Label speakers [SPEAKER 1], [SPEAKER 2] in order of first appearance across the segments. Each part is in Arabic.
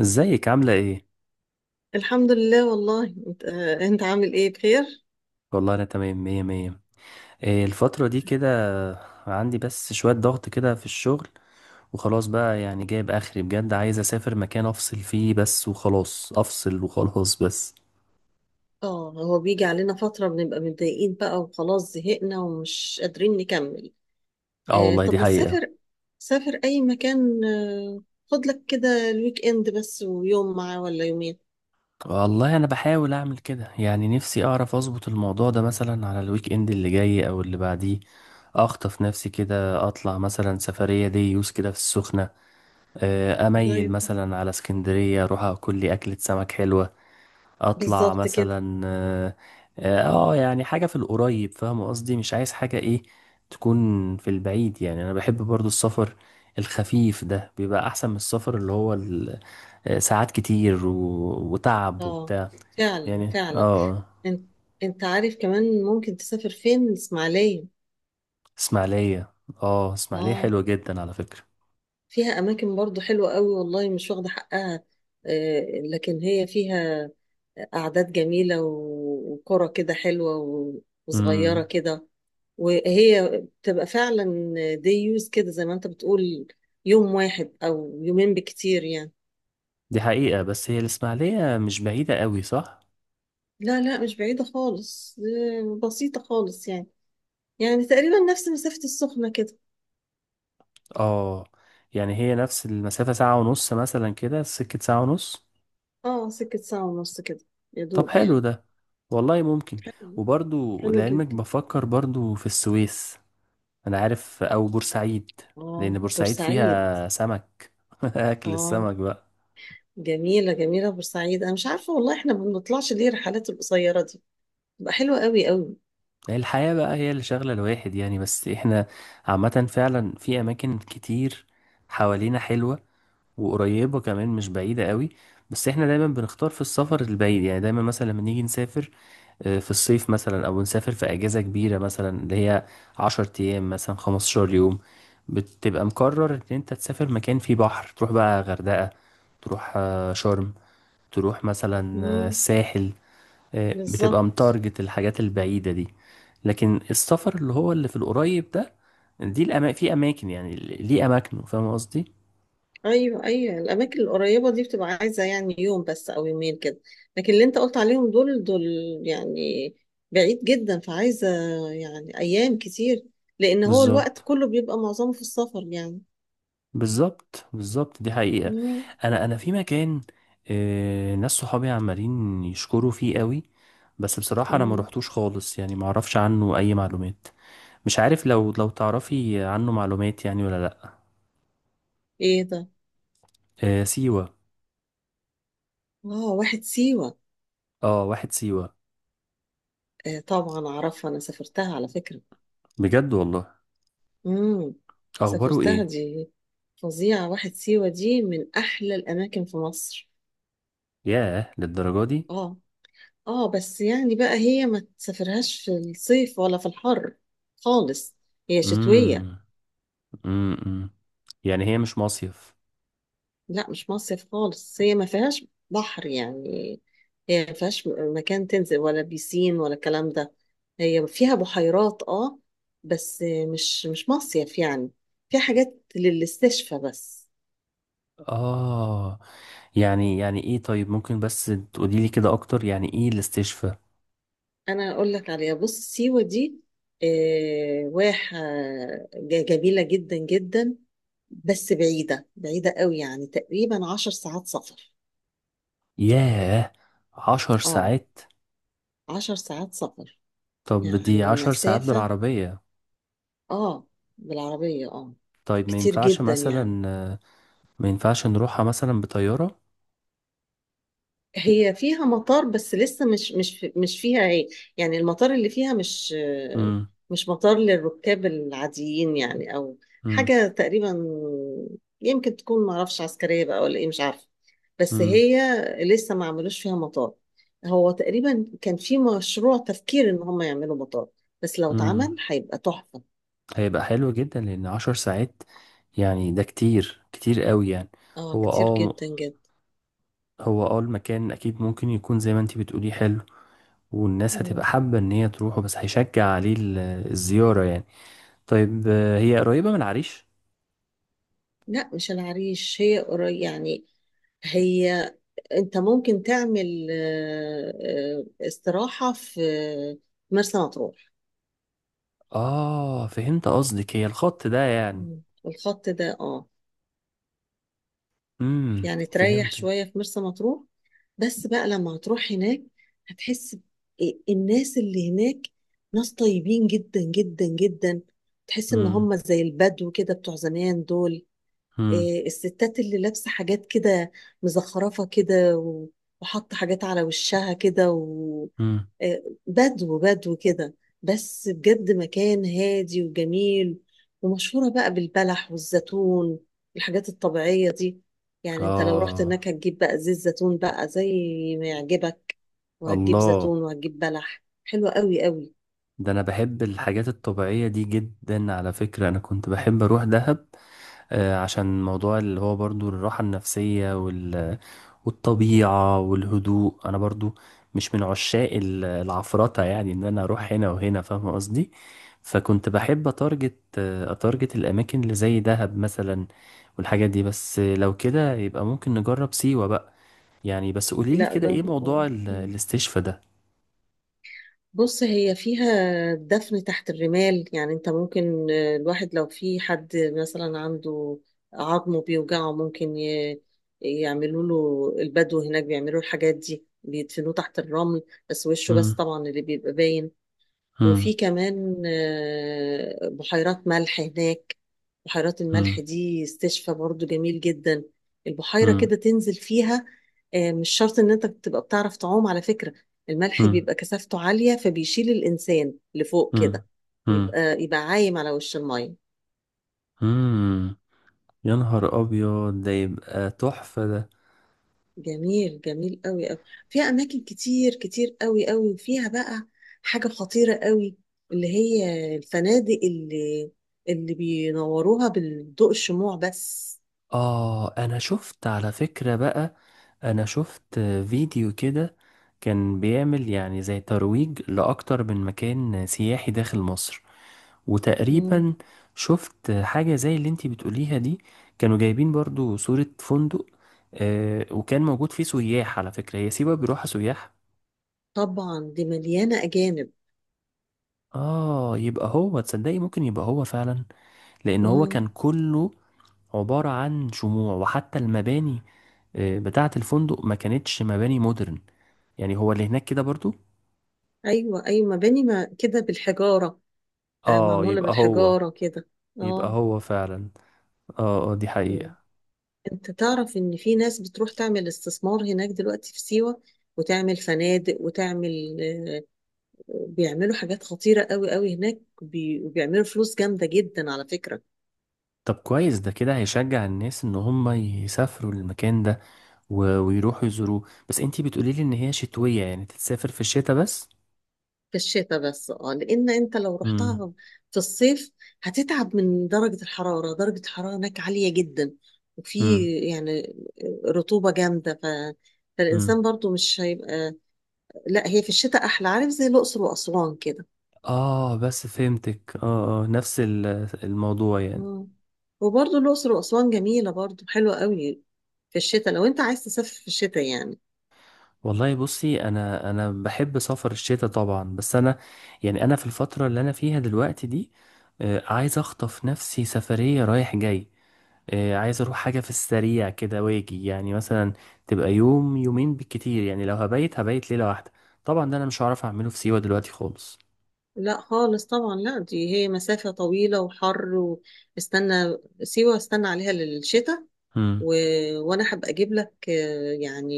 [SPEAKER 1] ازيك عاملة ايه؟
[SPEAKER 2] الحمد لله، والله، انت عامل ايه؟ بخير.
[SPEAKER 1] والله انا تمام مية مية. إيه الفترة دي كده؟ عندي بس شوية ضغط كده في الشغل. وخلاص بقى يعني جايب اخري بجد، عايز اسافر مكان افصل فيه بس وخلاص، افصل وخلاص بس.
[SPEAKER 2] اه، هو بيجي علينا فترة بنبقى متضايقين بقى وخلاص، زهقنا ومش قادرين نكمل.
[SPEAKER 1] اه
[SPEAKER 2] آه،
[SPEAKER 1] والله
[SPEAKER 2] طب
[SPEAKER 1] دي
[SPEAKER 2] ما
[SPEAKER 1] حقيقة.
[SPEAKER 2] تسافر. سافر اي مكان، آه. خد لك كده الويك اند بس، ويوم معاه ولا يومين.
[SPEAKER 1] والله انا بحاول اعمل كده، يعني نفسي اعرف اظبط الموضوع ده مثلا على الويك اند اللي جاي او اللي بعديه. اخطف نفسي كده، اطلع مثلا سفرية دي يوز كده في السخنة. اميل
[SPEAKER 2] طيب.
[SPEAKER 1] مثلا على اسكندرية، اروح اكل لي اكلة سمك حلوة. اطلع
[SPEAKER 2] بالظبط كده.
[SPEAKER 1] مثلا اه يعني حاجة في القريب، فاهم قصدي؟ مش عايز حاجة ايه تكون في البعيد. يعني انا بحب برضو السفر الخفيف ده، بيبقى احسن من السفر اللي هو ساعات كتير وتعب
[SPEAKER 2] اه،
[SPEAKER 1] وبتاع.
[SPEAKER 2] فعلا
[SPEAKER 1] يعني اه
[SPEAKER 2] فعلا.
[SPEAKER 1] آه.
[SPEAKER 2] انت انت عارف، كمان ممكن تسافر فين، الاسماعيلية.
[SPEAKER 1] اسماعيلية. اه اسماعيلية
[SPEAKER 2] اه،
[SPEAKER 1] حلوة جدا على فكرة.
[SPEAKER 2] فيها أماكن برضو حلوة قوي، والله مش واخدة حقها. آه، لكن هي فيها أعداد جميلة وقرى كده حلوة وصغيرة
[SPEAKER 1] امم.
[SPEAKER 2] كده. وهي بتبقى فعلا، دي يوز كده زي ما أنت بتقول، يوم واحد أو يومين بكتير يعني.
[SPEAKER 1] دي حقيقة، بس هي الاسماعيلية مش بعيدة قوي، صح؟
[SPEAKER 2] لا لا، مش بعيدة خالص، بسيطة خالص يعني. يعني تقريبا نفس مسافة السخنة كده.
[SPEAKER 1] اه. يعني هي نفس المسافة، ساعة ونص مثلا كده، سكة ساعة ونص.
[SPEAKER 2] اه، سكة ساعة ونص كده، يا
[SPEAKER 1] طب
[SPEAKER 2] دوب
[SPEAKER 1] حلو
[SPEAKER 2] يعني.
[SPEAKER 1] ده. والله ممكن.
[SPEAKER 2] حلو.
[SPEAKER 1] وبرضو
[SPEAKER 2] حلو
[SPEAKER 1] لعلمك
[SPEAKER 2] جدا.
[SPEAKER 1] بفكر برضو في السويس. انا عارف، او بورسعيد. لان
[SPEAKER 2] اه،
[SPEAKER 1] بورسعيد
[SPEAKER 2] بورسعيد.
[SPEAKER 1] فيها سمك. اكل
[SPEAKER 2] اه،
[SPEAKER 1] السمك بقى.
[SPEAKER 2] جميلة جميلة بورسعيد. أنا مش عارفة والله إحنا ما بنطلعش ليه الرحلات القصيرة دي، بتبقى حلوة قوي قوي.
[SPEAKER 1] هي الحياة بقى هي اللي شغلة الواحد يعني، بس احنا عامة فعلا في اماكن كتير حوالينا حلوة، وقريبة كمان، مش بعيدة قوي. بس احنا دايما بنختار في السفر البعيد، يعني دايما مثلا لما نيجي نسافر في الصيف مثلا، او نسافر في اجازة كبيرة مثلا اللي هي 10 ايام مثلا، 15 يوم، بتبقى مقرر ان انت تسافر مكان فيه بحر، تروح بقى غردقة، تروح شرم، تروح مثلا
[SPEAKER 2] مم.
[SPEAKER 1] الساحل. بتبقى
[SPEAKER 2] بالظبط.
[SPEAKER 1] متارجت الحاجات البعيدة دي. لكن السفر اللي هو اللي في القريب ده، دي في أماكن يعني، ليه أماكنه، فاهم قصدي؟
[SPEAKER 2] أيوه أيوه، الأماكن القريبة دي بتبقى عايزة يعني يوم بس أو يومين كده. لكن اللي أنت قلت عليهم دول دول يعني بعيد جدا، فعايزة يعني أيام كتير، لأن هو الوقت
[SPEAKER 1] بالظبط،
[SPEAKER 2] كله بيبقى معظمه في السفر يعني.
[SPEAKER 1] بالظبط، بالظبط، دي حقيقة.
[SPEAKER 2] مم.
[SPEAKER 1] انا في مكان ناس صحابي عمالين يشكروا فيه قوي، بس بصراحة انا ما
[SPEAKER 2] مم.
[SPEAKER 1] روحتوش خالص، يعني ما اعرفش عنه اي معلومات. مش عارف لو تعرفي عنه معلومات يعني، ولا لا.
[SPEAKER 2] إيه ده؟
[SPEAKER 1] سيوة.
[SPEAKER 2] آه، واحد سيوة.
[SPEAKER 1] اه واحد سيوة.
[SPEAKER 2] آه، طبعا أعرفها، أنا سافرتها على فكرة.
[SPEAKER 1] بجد والله؟
[SPEAKER 2] امم.
[SPEAKER 1] اخباره
[SPEAKER 2] سافرتها
[SPEAKER 1] ايه؟
[SPEAKER 2] دي، فظيعة. واحد سيوة دي من أحلى الأماكن في مصر.
[SPEAKER 1] ياه، للدرجة دي؟
[SPEAKER 2] اه، اه، بس يعني بقى هي ما تسافرهاش في الصيف ولا في الحر خالص، هي شتوية.
[SPEAKER 1] امم، امم. يعني هي مش مصيف.
[SPEAKER 2] لا، مش مصيف خالص، هي ما فيهاش بحر يعني. هي ما فيهاش مكان تنزل ولا بيسين ولا الكلام ده. هي فيها بحيرات، اه، بس مش مصيف يعني. فيها حاجات للاستشفى بس.
[SPEAKER 1] اه. يعني ايه، طيب؟ ممكن بس تقولي لي كده اكتر، يعني ايه الاستشفاء؟
[SPEAKER 2] انا اقول لك عليها، بص سيوه دي واحه جميله جدا جدا. بس بعيده بعيده قوي، يعني تقريبا 10 ساعات سفر.
[SPEAKER 1] ياه، عشر
[SPEAKER 2] اه،
[SPEAKER 1] ساعات
[SPEAKER 2] 10 ساعات سفر.
[SPEAKER 1] طب دي
[SPEAKER 2] يعني
[SPEAKER 1] 10 ساعات
[SPEAKER 2] مسافه.
[SPEAKER 1] بالعربية.
[SPEAKER 2] اه، بالعربيه اه.
[SPEAKER 1] طيب ما
[SPEAKER 2] كتير
[SPEAKER 1] ينفعش
[SPEAKER 2] جدا يعني.
[SPEAKER 1] مثلا، ما ينفعش نروحها مثلا بطيارة.
[SPEAKER 2] هي فيها مطار بس لسه مش فيها ايه. يعني المطار اللي فيها مش
[SPEAKER 1] مم.
[SPEAKER 2] مش مطار للركاب العاديين يعني، او
[SPEAKER 1] مم.
[SPEAKER 2] حاجة تقريبا. يمكن تكون معرفش عسكرية بقى ولا ايه، مش عارفة، بس
[SPEAKER 1] مم.
[SPEAKER 2] هي لسه ما عملوش فيها مطار. هو تقريبا كان في مشروع تفكير ان هم يعملوا مطار، بس لو
[SPEAKER 1] مم.
[SPEAKER 2] اتعمل هيبقى تحفة.
[SPEAKER 1] هيبقى حلو جدا، لأن 10 ساعات يعني، ده كتير كتير قوي يعني.
[SPEAKER 2] اه،
[SPEAKER 1] هو
[SPEAKER 2] كتير
[SPEAKER 1] اه
[SPEAKER 2] جدا جدا.
[SPEAKER 1] هو المكان أكيد ممكن يكون زي ما انتي بتقولي حلو، والناس هتبقى
[SPEAKER 2] مم.
[SPEAKER 1] حابة إن هي تروحه، بس هيشجع عليه الزيارة يعني. طيب هي قريبة من العريش؟
[SPEAKER 2] لا مش العريش، هي قريب يعني. هي انت ممكن تعمل استراحة في مرسى مطروح.
[SPEAKER 1] اه فهمت قصدك، هي الخط ده يعني.
[SPEAKER 2] مم. الخط ده، اه.
[SPEAKER 1] امم.
[SPEAKER 2] يعني تريح
[SPEAKER 1] فهمت.
[SPEAKER 2] شوية في مرسى مطروح. بس بقى لما هتروح هناك، هتحس إيه، الناس اللي هناك، ناس طيبين جدا جدا جدا. تحس ان
[SPEAKER 1] امم،
[SPEAKER 2] هم زي البدو كده بتوع زمان دول.
[SPEAKER 1] امم،
[SPEAKER 2] إيه، الستات اللي لابسه حاجات كده مزخرفه كده وحاطه حاجات على وشها كده.
[SPEAKER 1] امم.
[SPEAKER 2] إيه، بدو بدو كده. بس بجد مكان هادي وجميل. ومشهوره بقى بالبلح والزيتون، الحاجات الطبيعيه دي. يعني انت لو رحت
[SPEAKER 1] اه.
[SPEAKER 2] هناك هتجيب بقى زيت زيتون بقى زي ما يعجبك. وهتجيب
[SPEAKER 1] الله،
[SPEAKER 2] زيتون وهتجيب بلح، حلوة قوي قوي.
[SPEAKER 1] ده انا بحب الحاجات الطبيعية دي جدا على فكرة، انا كنت بحب اروح دهب. آه، عشان موضوع اللي هو برضو الراحة النفسية، والطبيعة والهدوء. انا برضو مش من عشاق العفرطة، يعني ان انا اروح هنا وهنا، فاهم قصدي؟ فكنت بحب اتارجت الاماكن اللي زي دهب مثلا والحاجات دي. بس لو كده يبقى ممكن نجرب سيوة بقى. يعني بس قولي لي
[SPEAKER 2] لا،
[SPEAKER 1] كده ايه
[SPEAKER 2] جرب. آه.
[SPEAKER 1] موضوع الاستشفاء ده.
[SPEAKER 2] بص، هي فيها دفن تحت الرمال. يعني انت ممكن الواحد لو في حد مثلا عنده عظمه بيوجعه ممكن يعملوا له، البدو هناك بيعملوا الحاجات دي، بيدفنوه تحت الرمل، بس وشه بس
[SPEAKER 1] مم.
[SPEAKER 2] طبعا اللي بيبقى باين.
[SPEAKER 1] مم.
[SPEAKER 2] وفي كمان بحيرات ملح هناك. بحيرات الملح
[SPEAKER 1] مم.
[SPEAKER 2] دي استشفى برضو جميل جدا. البحيرة
[SPEAKER 1] مم.
[SPEAKER 2] كده تنزل فيها. مش شرط ان انت تبقى بتعرف تعوم على فكرة. الملح
[SPEAKER 1] مم.
[SPEAKER 2] بيبقى كثافته عالية فبيشيل الانسان لفوق
[SPEAKER 1] مم.
[SPEAKER 2] كده.
[SPEAKER 1] مم.
[SPEAKER 2] يبقى عايم على وش المية.
[SPEAKER 1] مم. يا نهار ابيض، ده يبقى تحفة ده.
[SPEAKER 2] جميل جميل قوي قوي. فيها اماكن كتير كتير قوي قوي، وفيها بقى حاجة خطيرة قوي، اللي هي الفنادق اللي بينوروها بالضوء، الشموع بس.
[SPEAKER 1] اه انا شفت على فكرة بقى. انا شفت فيديو كده، كان بيعمل يعني زي ترويج لاكتر من مكان سياحي داخل مصر،
[SPEAKER 2] مم.
[SPEAKER 1] وتقريبا شفت حاجة زي اللي انتي بتقوليها دي. كانوا جايبين برضو صورة فندق، آه، وكان موجود فيه سياح. على فكرة هي سيوة بيروحها سياح.
[SPEAKER 2] طبعا، دي مليانة اجانب.
[SPEAKER 1] اه، يبقى هو تصدقي ممكن يبقى هو فعلا، لان هو كان
[SPEAKER 2] مم.
[SPEAKER 1] كله عبارة عن شموع، وحتى المباني بتاعة الفندق ما كانتش مباني مودرن. يعني هو اللي هناك كده برضو.
[SPEAKER 2] ايوه ايوه، مباني ما كده بالحجارة.
[SPEAKER 1] اه،
[SPEAKER 2] معمولة بالحجارة كده.
[SPEAKER 1] يبقى
[SPEAKER 2] اه.
[SPEAKER 1] هو فعلا. اه دي
[SPEAKER 2] مم.
[SPEAKER 1] حقيقة.
[SPEAKER 2] انت تعرف ان في ناس بتروح تعمل استثمار هناك دلوقتي في سيوة، وتعمل فنادق وتعمل بيعملوا حاجات خطيرة قوي قوي هناك، وبيعملوا فلوس جامدة جدا على فكرة.
[SPEAKER 1] طب كويس، ده كده هيشجع الناس ان هم يسافروا المكان ده ويروحوا يزوروه. بس انتي بتقولي لي ان هي شتوية، يعني تتسافر في الشتاء بس.
[SPEAKER 2] في الشتاء بس، اه، لان انت لو
[SPEAKER 1] امم،
[SPEAKER 2] رحتها في الصيف هتتعب من درجة الحرارة. درجة الحرارة هناك عالية جدا. وفي
[SPEAKER 1] امم،
[SPEAKER 2] يعني رطوبة جامدة،
[SPEAKER 1] امم.
[SPEAKER 2] فالإنسان برضو مش هيبقى. لا، هي في الشتاء أحلى، عارف زي الأقصر وأسوان كده.
[SPEAKER 1] اه بس فهمتك. اه نفس الموضوع يعني.
[SPEAKER 2] اه، وبرضه الأقصر وأسوان جميلة برضه، حلوة قوي في الشتاء لو أنت عايز تسافر في الشتاء يعني.
[SPEAKER 1] والله بصي انا بحب سفر الشتاء طبعا، بس انا يعني انا في الفترة اللي انا فيها دلوقتي دي عايز اخطف نفسي سفرية رايح جاي. عايز اروح حاجة في السريع كده واجي، يعني مثلا تبقى يوم يومين بالكتير، يعني لو هبيت هبيت ليلة واحدة. طبعا ده انا مش هعرف اعمله في سيوة دلوقتي خالص.
[SPEAKER 2] لا خالص طبعا، لا دي هي مسافة طويلة وحر، واستنى. سيوة استنى عليها للشتاء.
[SPEAKER 1] هم.
[SPEAKER 2] و... وأنا هبقى أجيب لك يعني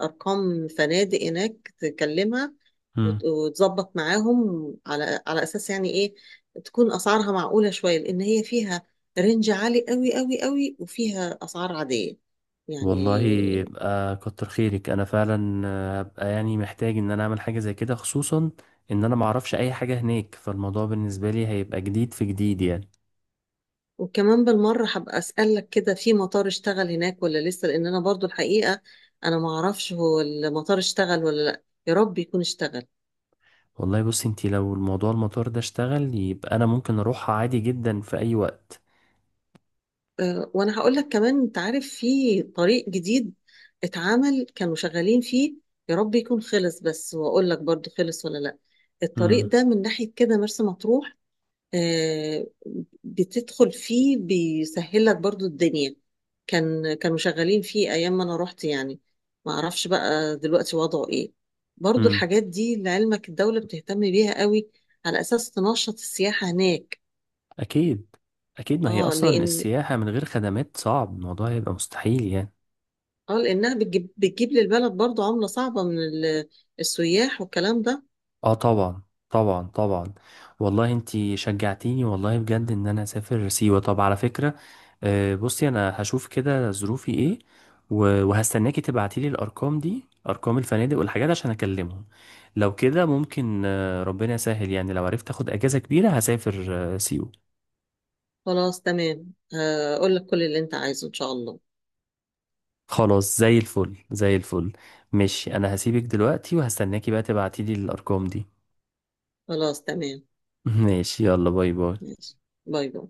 [SPEAKER 2] أرقام فنادق هناك تكلمها.
[SPEAKER 1] هم.
[SPEAKER 2] وتظبط معاهم على أساس، يعني إيه، تكون أسعارها معقولة شوية، لأن هي فيها رينج عالي قوي قوي قوي، وفيها أسعار عادية
[SPEAKER 1] والله
[SPEAKER 2] يعني.
[SPEAKER 1] يبقى كتر خيرك. انا فعلا هبقى يعني محتاج ان انا اعمل حاجة زي كده، خصوصا ان انا معرفش اي حاجة هناك، فالموضوع بالنسبة لي هيبقى جديد في جديد يعني.
[SPEAKER 2] وكمان بالمرة هبقى أسألك كده، في مطار اشتغل هناك ولا لسه؟ لأن أنا برضو الحقيقة أنا معرفش هو المطار اشتغل ولا لأ، يا رب يكون اشتغل.
[SPEAKER 1] والله بصي انتي، لو الموضوع المطار ده اشتغل، يبقى انا ممكن اروحها عادي جدا في اي وقت.
[SPEAKER 2] أه، وأنا هقول لك كمان، أنت عارف في طريق جديد اتعمل، كانوا شغالين فيه، يا رب يكون خلص، بس وأقول لك برضو خلص ولا لأ. الطريق ده من ناحية كده مرسى مطروح، آه، بتدخل فيه بيسهل لك برضو الدنيا. كانوا شغالين فيه ايام ما انا رحت يعني، ما اعرفش بقى دلوقتي وضعه ايه. برضو
[SPEAKER 1] هم.
[SPEAKER 2] الحاجات دي لعلمك الدولة بتهتم بيها قوي، على اساس تنشط السياحة هناك.
[SPEAKER 1] اكيد، اكيد. ما هي
[SPEAKER 2] اه،
[SPEAKER 1] اصلا السياحة من غير خدمات صعب، الموضوع هيبقى مستحيل يعني.
[SPEAKER 2] لانها بتجيب للبلد برضو عملة صعبة من السياح والكلام ده.
[SPEAKER 1] اه طبعا، طبعا، طبعا. والله انتي شجعتيني والله بجد ان انا اسافر سيوة. طب على فكرة بصي انا هشوف كده ظروفي ايه، وهستناكي تبعتيلي الارقام دي، ارقام الفنادق والحاجات عشان اكلمهم. لو كده ممكن ربنا يسهل، يعني لو عرفت اخد اجازة كبيرة هسافر سيوة.
[SPEAKER 2] خلاص تمام، اقول لك كل اللي انت عايزه ان شاء الله.
[SPEAKER 1] خلاص زي الفل، زي الفل. ماشي، انا هسيبك دلوقتي وهستناكي بقى تبعتيلي الارقام دي.
[SPEAKER 2] خلاص تمام.
[SPEAKER 1] ماشي، يلا باي باي.
[SPEAKER 2] ماشي، باي باي.